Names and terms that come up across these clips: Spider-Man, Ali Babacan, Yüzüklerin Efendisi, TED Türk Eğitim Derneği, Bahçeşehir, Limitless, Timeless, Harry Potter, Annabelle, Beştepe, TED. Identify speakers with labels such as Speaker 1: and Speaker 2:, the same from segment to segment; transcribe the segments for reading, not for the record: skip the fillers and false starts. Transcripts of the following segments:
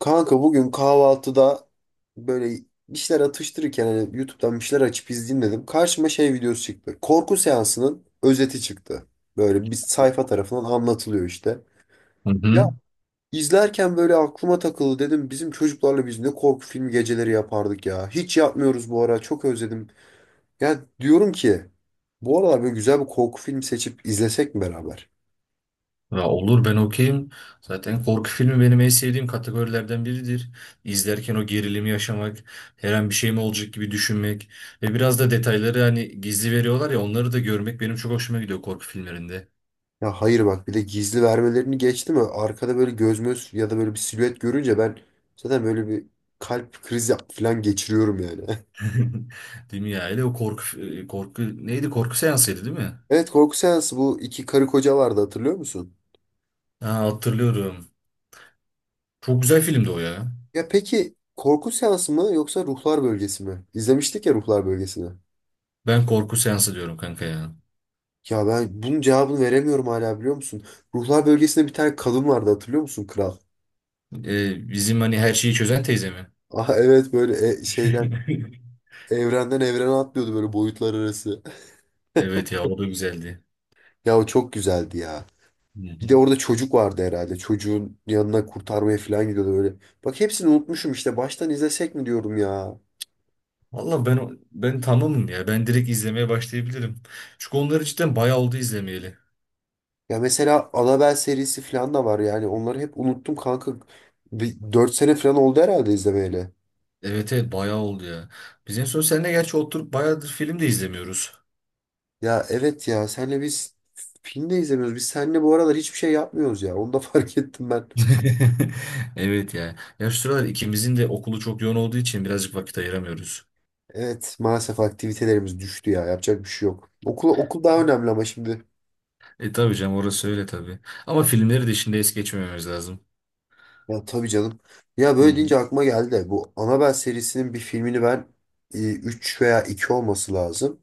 Speaker 1: Kanka bugün kahvaltıda böyle bir şeyler atıştırırken hani YouTube'dan bir şeyler açıp izleyeyim dedim. Karşıma şey videosu çıktı. Korku seansının özeti çıktı. Böyle bir sayfa tarafından anlatılıyor işte.
Speaker 2: Hı
Speaker 1: Ya
Speaker 2: hı.
Speaker 1: izlerken böyle aklıma takıldı dedim bizim çocuklarla biz ne korku filmi geceleri yapardık ya. Hiç yapmıyoruz bu ara çok özledim. Ya diyorum ki bu aralar böyle güzel bir korku filmi seçip izlesek mi beraber?
Speaker 2: Ya olur ben okeyim. Zaten korku filmi benim en sevdiğim kategorilerden biridir. İzlerken o gerilimi yaşamak, her an bir şey mi olacak gibi düşünmek ve biraz da detayları hani gizli veriyorlar ya onları da görmek benim çok hoşuma gidiyor korku filmlerinde.
Speaker 1: Ya hayır bak bir de gizli vermelerini geçti mi arkada böyle göz möz ya da böyle bir silüet görünce ben zaten böyle bir kalp krizi falan geçiriyorum yani.
Speaker 2: Değil mi ya? Hele o korku neydi? Korku seansıydı değil mi?
Speaker 1: Evet korku seansı bu iki karı koca vardı hatırlıyor musun?
Speaker 2: Ha, hatırlıyorum. Çok güzel filmdi o ya.
Speaker 1: Ya peki korku seansı mı yoksa ruhlar bölgesi mi? İzlemiştik ya ruhlar bölgesini.
Speaker 2: Ben korku seansı diyorum kanka ya.
Speaker 1: Ya ben bunun cevabını veremiyorum hala biliyor musun? Ruhlar bölgesinde bir tane kadın vardı hatırlıyor musun kral?
Speaker 2: Bizim hani her şeyi çözen teyze mi?
Speaker 1: Ah evet böyle şeyden evrenden evrene atlıyordu böyle boyutlar arası.
Speaker 2: Evet ya o da güzeldi.
Speaker 1: Ya o çok güzeldi ya.
Speaker 2: Hı
Speaker 1: Bir
Speaker 2: hı.
Speaker 1: de orada çocuk vardı herhalde. Çocuğun yanına kurtarmaya falan gidiyordu böyle. Bak hepsini unutmuşum işte. Baştan izlesek mi diyorum ya.
Speaker 2: Valla ben tamamım ya. Ben direkt izlemeye başlayabilirim. Çünkü onları cidden bayağı oldu izlemeyeli.
Speaker 1: Ya mesela Annabelle serisi falan da var yani. Onları hep unuttum kanka. Bir 4 sene falan oldu herhalde izlemeyeli.
Speaker 2: Evet evet bayağı oldu ya. Biz en son seninle gerçi oturup bayağıdır film de izlemiyoruz.
Speaker 1: Ya evet ya senle biz film de izlemiyoruz. Biz seninle bu aralar hiçbir şey yapmıyoruz ya. Onu da fark ettim ben.
Speaker 2: Evet ya. Ya şu sıralar ikimizin de okulu çok yoğun olduğu için birazcık vakit ayıramıyoruz.
Speaker 1: Evet maalesef aktivitelerimiz düştü ya. Yapacak bir şey yok. Okul, okul daha önemli ama şimdi.
Speaker 2: E tabii canım orası öyle tabii. Ama filmleri de şimdi es geçmememiz lazım.
Speaker 1: Ya tabii canım. Ya
Speaker 2: Hı
Speaker 1: böyle
Speaker 2: hı.
Speaker 1: deyince aklıma geldi de bu Annabelle serisinin bir filmini ben 3 veya 2 olması lazım.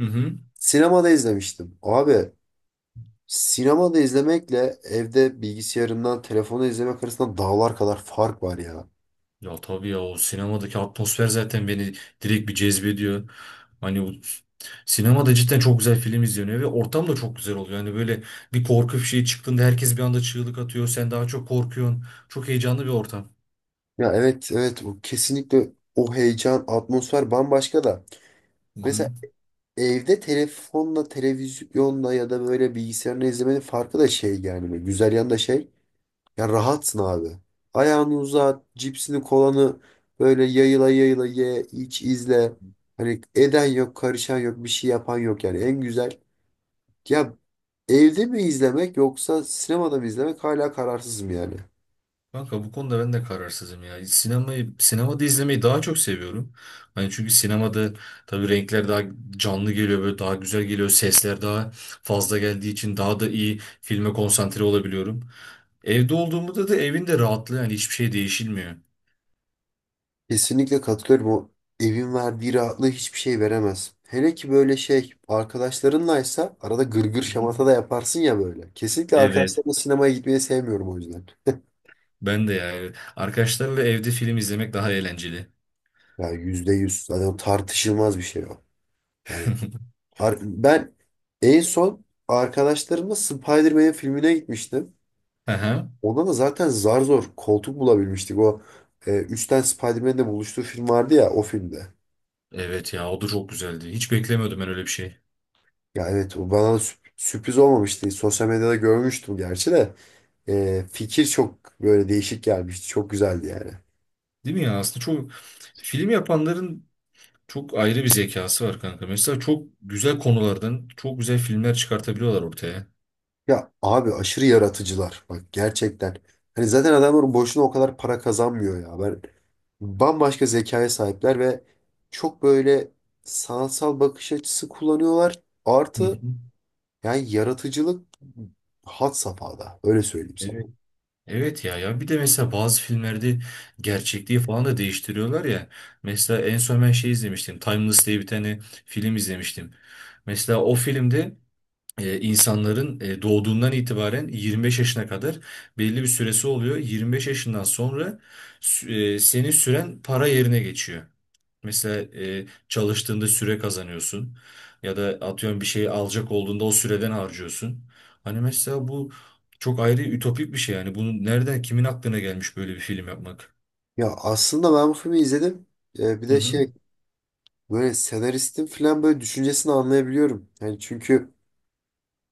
Speaker 2: Hı hı.
Speaker 1: Sinemada izlemiştim. Abi sinemada izlemekle evde bilgisayarından telefonu izlemek arasında dağlar kadar fark var ya.
Speaker 2: Ya tabii ya o sinemadaki atmosfer zaten beni direkt bir cezbediyor. Hani o sinemada cidden çok güzel film izleniyor ve ortam da çok güzel oluyor. Hani böyle bir korku bir şey çıktığında herkes bir anda çığlık atıyor. Sen daha çok korkuyorsun. Çok heyecanlı bir ortam.
Speaker 1: Ya evet evet o kesinlikle o heyecan atmosfer bambaşka da.
Speaker 2: Hı hı.
Speaker 1: Mesela evde telefonla televizyonla ya da böyle bilgisayarla izlemenin farkı da şey yani güzel yanı da şey. Ya rahatsın abi. Ayağını uzat, cipsini kolanı böyle yayıla yayıla ye, iç, izle. Hani eden yok, karışan yok, bir şey yapan yok yani. En güzel. Ya evde mi izlemek yoksa sinemada mı izlemek hala kararsızım yani.
Speaker 2: Kanka bu konuda ben de kararsızım ya. Sinemayı, sinemada izlemeyi daha çok seviyorum. Hani çünkü sinemada tabii renkler daha canlı geliyor, böyle daha güzel geliyor. Sesler daha fazla geldiği için daha da iyi filme konsantre olabiliyorum. Evde olduğumda da evin de rahatlığı yani hiçbir şey değişilmiyor.
Speaker 1: Kesinlikle katılıyorum. O evin verdiği rahatlığı hiçbir şey veremez. Hele ki böyle şey arkadaşlarınlaysa arada gırgır
Speaker 2: Hı hı.
Speaker 1: şamata da yaparsın ya böyle. Kesinlikle
Speaker 2: Evet.
Speaker 1: arkadaşlarımla sinemaya gitmeyi sevmiyorum o yüzden.
Speaker 2: Ben de yani arkadaşlarla evde film izlemek daha eğlenceli.
Speaker 1: Ya yüzde yüz. Zaten tartışılmaz bir şey o. Yani Ben en son arkadaşlarımla Spider-Man filmine gitmiştim.
Speaker 2: Aha.
Speaker 1: Ona da zaten zar zor koltuk bulabilmiştik. O üçten Spider-Man'le buluştuğu film vardı ya o filmde.
Speaker 2: Evet ya o da çok güzeldi. Hiç beklemiyordum ben öyle bir şey.
Speaker 1: Ya evet o bana da sürpriz olmamıştı. Sosyal medyada görmüştüm gerçi de. E, fikir çok böyle değişik gelmişti. Çok güzeldi yani.
Speaker 2: Değil mi ya? Aslında çok film yapanların çok ayrı bir zekası var kanka. Mesela çok güzel konulardan çok güzel filmler çıkartabiliyorlar ortaya.
Speaker 1: Ya abi aşırı yaratıcılar bak gerçekten. Hani zaten adamlar boşuna o kadar para kazanmıyor ya. Ben bambaşka zekaya sahipler ve çok böyle sanatsal bakış açısı kullanıyorlar.
Speaker 2: Hı
Speaker 1: Artı
Speaker 2: hı.
Speaker 1: yani yaratıcılık had safhada öyle söyleyeyim sana.
Speaker 2: Evet. Evet ya ya bir de mesela bazı filmlerde gerçekliği falan da değiştiriyorlar ya. Mesela en son ben şey izlemiştim. Timeless diye bir tane film izlemiştim. Mesela o filmde insanların doğduğundan itibaren 25 yaşına kadar belli bir süresi oluyor. 25 yaşından sonra senin süren para yerine geçiyor. Mesela çalıştığında süre kazanıyorsun ya da atıyorum bir şey alacak olduğunda o süreden harcıyorsun. Hani mesela bu çok ayrı ütopik bir şey yani. Bunu nereden kimin aklına gelmiş böyle bir film yapmak?
Speaker 1: Ya aslında ben bu filmi izledim. Bir
Speaker 2: Hı
Speaker 1: de
Speaker 2: hı.
Speaker 1: şey böyle senaristin falan böyle düşüncesini anlayabiliyorum. Yani çünkü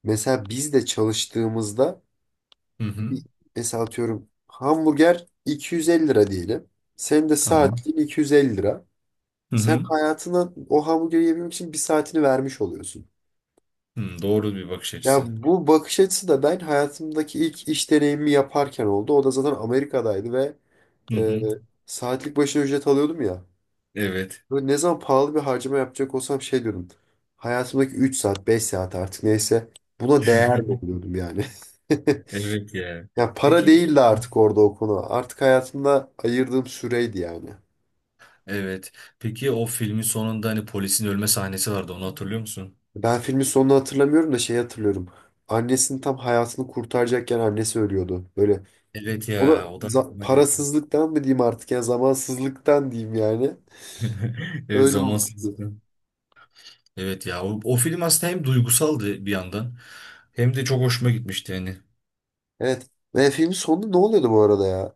Speaker 1: mesela biz de çalıştığımızda
Speaker 2: Hı hı.
Speaker 1: mesela atıyorum hamburger 250 lira diyelim. Senin de
Speaker 2: Tamam.
Speaker 1: saatliğin 250 lira.
Speaker 2: Hı
Speaker 1: Sen
Speaker 2: hı.
Speaker 1: hayatına o hamburgeri yemek için bir saatini vermiş oluyorsun.
Speaker 2: Hı, doğru bir bakış
Speaker 1: Ya
Speaker 2: açısı.
Speaker 1: bu bakış açısı da ben hayatımdaki ilk iş deneyimi yaparken oldu. O da zaten Amerika'daydı ve
Speaker 2: Hı
Speaker 1: e,
Speaker 2: hı.
Speaker 1: saatlik başına ücret alıyordum ya.
Speaker 2: Evet.
Speaker 1: Böyle ne zaman pahalı bir harcama yapacak olsam şey diyordum. Hayatımdaki 3 saat, 5 saat artık neyse buna değer mi oluyordum yani?
Speaker 2: Evet ya.
Speaker 1: Ya para
Speaker 2: Peki
Speaker 1: değildi artık orada o konu. Artık hayatımda ayırdığım süreydi yani.
Speaker 2: evet. Peki o filmin sonunda hani polisin ölme sahnesi vardı. Onu hatırlıyor musun?
Speaker 1: Ben filmin sonunu hatırlamıyorum da şeyi hatırlıyorum. Annesinin tam hayatını kurtaracakken annesi ölüyordu. Böyle
Speaker 2: Evet
Speaker 1: o da
Speaker 2: ya. O da aklıma geldi.
Speaker 1: parasızlıktan mı diyeyim artık ya zamansızlıktan diyeyim yani.
Speaker 2: Evet
Speaker 1: Öyle olmuştu.
Speaker 2: zamansızlıkla. Evet ya. O film aslında hem duygusaldı bir yandan. Hem de çok hoşuma gitmişti yani.
Speaker 1: Evet. Ve filmin sonunda ne oluyordu bu arada ya?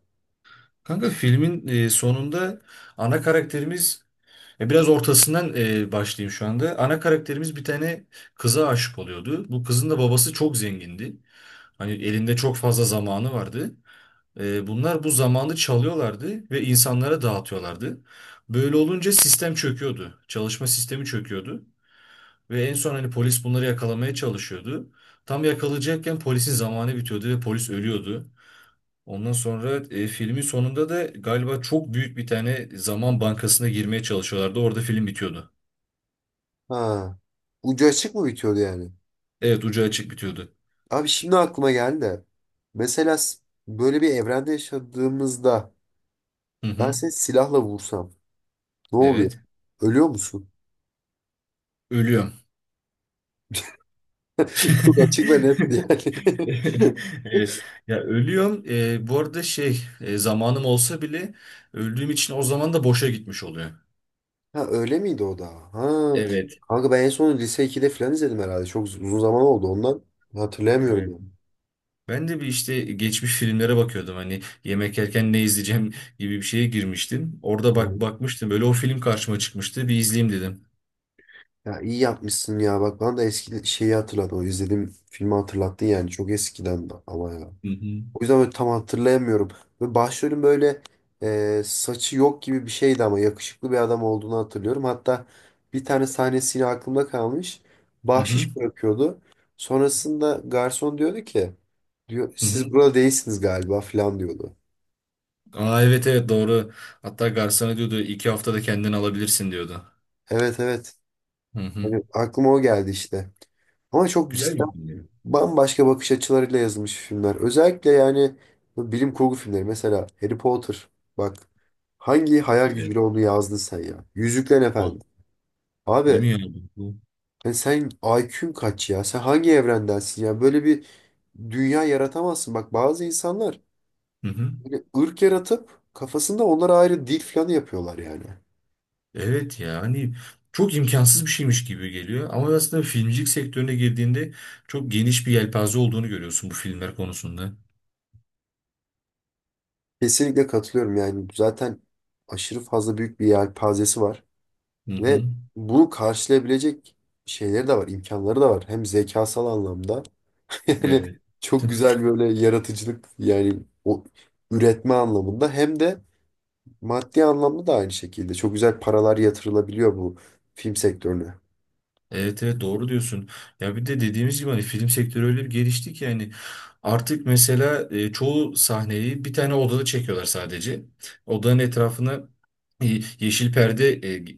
Speaker 2: Kanka filmin sonunda ana karakterimiz biraz ortasından başlayayım şu anda. Ana karakterimiz bir tane kıza aşık oluyordu. Bu kızın da babası çok zengindi. Hani elinde çok fazla zamanı vardı. Bunlar bu zamanı çalıyorlardı ve insanlara dağıtıyorlardı. Böyle olunca sistem çöküyordu. Çalışma sistemi çöküyordu. Ve en son hani polis bunları yakalamaya çalışıyordu. Tam yakalayacakken polisin zamanı bitiyordu ve polis ölüyordu. Ondan sonra filmin sonunda da galiba çok büyük bir tane zaman bankasına girmeye çalışıyorlardı. Orada film bitiyordu.
Speaker 1: Ha. Ucu açık mı bitiyordu yani?
Speaker 2: Evet ucu açık bitiyordu.
Speaker 1: Abi şimdi aklıma geldi de. Mesela böyle bir evrende yaşadığımızda
Speaker 2: Hı
Speaker 1: ben
Speaker 2: hı.
Speaker 1: seni silahla vursam ne oluyor?
Speaker 2: Evet.
Speaker 1: Ölüyor musun?
Speaker 2: Ölüyorum.
Speaker 1: Çok açık ve netti yani.
Speaker 2: Evet. Ya ölüyorum. Bu arada zamanım olsa bile öldüğüm için o zaman da boşa gitmiş oluyor.
Speaker 1: Ha öyle miydi o da? Ha.
Speaker 2: Evet.
Speaker 1: Kanka ben en son lise ikide falan izledim herhalde. Çok uzun zaman oldu ondan. Hatırlayamıyorum
Speaker 2: Evet.
Speaker 1: ya.
Speaker 2: Ben de bir işte geçmiş filmlere bakıyordum. Hani yemek yerken ne izleyeceğim gibi bir şeye girmiştim. Orada
Speaker 1: Yani.
Speaker 2: bak bakmıştım. Böyle o film karşıma çıkmıştı. Bir izleyeyim dedim.
Speaker 1: Ya iyi yapmışsın ya. Bak bana da eski şeyi hatırlattın. O izlediğim filmi hatırlattın yani. Çok eskiden ama ya.
Speaker 2: Hı hı.
Speaker 1: O yüzden böyle tam hatırlayamıyorum. Ve başrolün böyle saçı yok gibi bir şeydi ama yakışıklı bir adam olduğunu hatırlıyorum. Hatta bir tane sahnesi yine aklımda kalmış.
Speaker 2: Hı hı.
Speaker 1: Bahşiş bırakıyordu. Sonrasında garson diyordu ki diyor
Speaker 2: Hı
Speaker 1: siz
Speaker 2: hı.
Speaker 1: burada değilsiniz galiba falan diyordu.
Speaker 2: Aa evet evet doğru. Hatta garsona diyordu iki haftada kendini alabilirsin diyordu.
Speaker 1: Evet evet.
Speaker 2: Hı hı.
Speaker 1: Yani aklıma o geldi işte. Ama çok
Speaker 2: Güzel bir
Speaker 1: cidden
Speaker 2: film görünüyor.
Speaker 1: bambaşka bakış açılarıyla yazılmış filmler. Özellikle yani bu bilim kurgu filmleri mesela Harry Potter. Bak hangi hayal
Speaker 2: Evet.
Speaker 1: gücüyle onu yazdın sen ya? Yüzüklerin
Speaker 2: Val-
Speaker 1: Efendisi.
Speaker 2: Değil mi
Speaker 1: Abi
Speaker 2: ya Bu-
Speaker 1: sen IQ'un kaç ya? Sen hangi evrendensin ya? Böyle bir dünya yaratamazsın. Bak bazı insanlar
Speaker 2: Hı hı.
Speaker 1: böyle ırk yaratıp kafasında onlara ayrı dil falan yapıyorlar yani.
Speaker 2: Evet ya hani çok imkansız bir şeymiş gibi geliyor. Ama aslında filmcilik sektörüne girdiğinde çok geniş bir yelpaze olduğunu görüyorsun bu filmler konusunda.
Speaker 1: Kesinlikle katılıyorum yani. Zaten aşırı fazla büyük bir yelpazesi var.
Speaker 2: Hı
Speaker 1: Ve
Speaker 2: hı.
Speaker 1: bunu karşılayabilecek şeyleri de var, imkanları da var. Hem zekasal anlamda yani
Speaker 2: Evet.
Speaker 1: çok güzel böyle yaratıcılık yani o üretme anlamında hem de maddi anlamda da aynı şekilde. Çok güzel paralar yatırılabiliyor bu film sektörüne.
Speaker 2: Evet evet doğru diyorsun. Ya bir de dediğimiz gibi hani film sektörü öyle bir gelişti ki yani artık mesela çoğu sahneyi bir tane odada çekiyorlar sadece. Odanın etrafına yeşil perde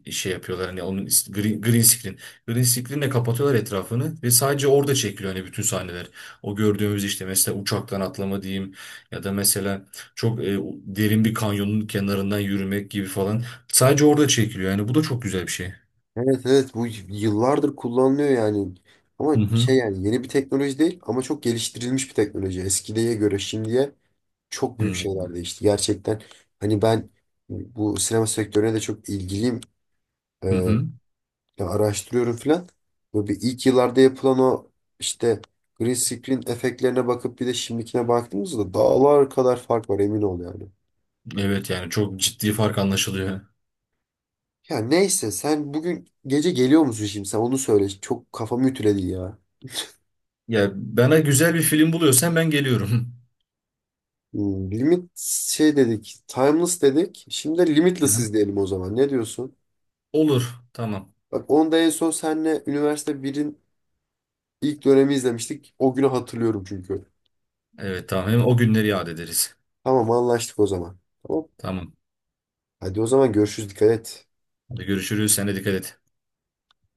Speaker 2: yapıyorlar hani green screen. Green screen'le kapatıyorlar etrafını ve sadece orada çekiliyor hani bütün sahneler. O gördüğümüz işte mesela uçaktan atlama diyeyim ya da mesela çok derin bir kanyonun kenarından yürümek gibi falan. Sadece orada çekiliyor yani bu da çok güzel bir şey.
Speaker 1: Evet evet bu yıllardır kullanılıyor yani. Ama
Speaker 2: Hı hı.
Speaker 1: şey yani yeni bir teknoloji değil ama çok geliştirilmiş bir teknoloji. Eskiye göre şimdiye çok büyük
Speaker 2: Hı
Speaker 1: şeyler değişti. Gerçekten hani ben bu sinema sektörüne de çok ilgiliyim.
Speaker 2: hı. hı.
Speaker 1: Ya araştırıyorum filan. Böyle bir ilk yıllarda yapılan o işte green screen efektlerine bakıp bir de şimdikine baktığımızda dağlar kadar fark var emin ol yani.
Speaker 2: Evet yani çok ciddi fark anlaşılıyor.
Speaker 1: Ya neyse sen bugün gece geliyor musun şimdi sen onu söyle. Çok kafamı ütüledi ya.
Speaker 2: Ya bana güzel bir film buluyorsan ben geliyorum.
Speaker 1: Limit şey dedik, timeless dedik. Şimdi de
Speaker 2: Hı
Speaker 1: limitless
Speaker 2: hı.
Speaker 1: izleyelim o zaman. Ne diyorsun?
Speaker 2: Olur tamam.
Speaker 1: Bak onu da en son senle üniversite birin ilk dönemi izlemiştik. O günü hatırlıyorum çünkü.
Speaker 2: Evet tamam hem o günleri yad ederiz.
Speaker 1: Tamam anlaştık o zaman. Tamam.
Speaker 2: Tamam.
Speaker 1: Hadi o zaman görüşürüz. Dikkat et.
Speaker 2: Hadi görüşürüz. Sen de dikkat et.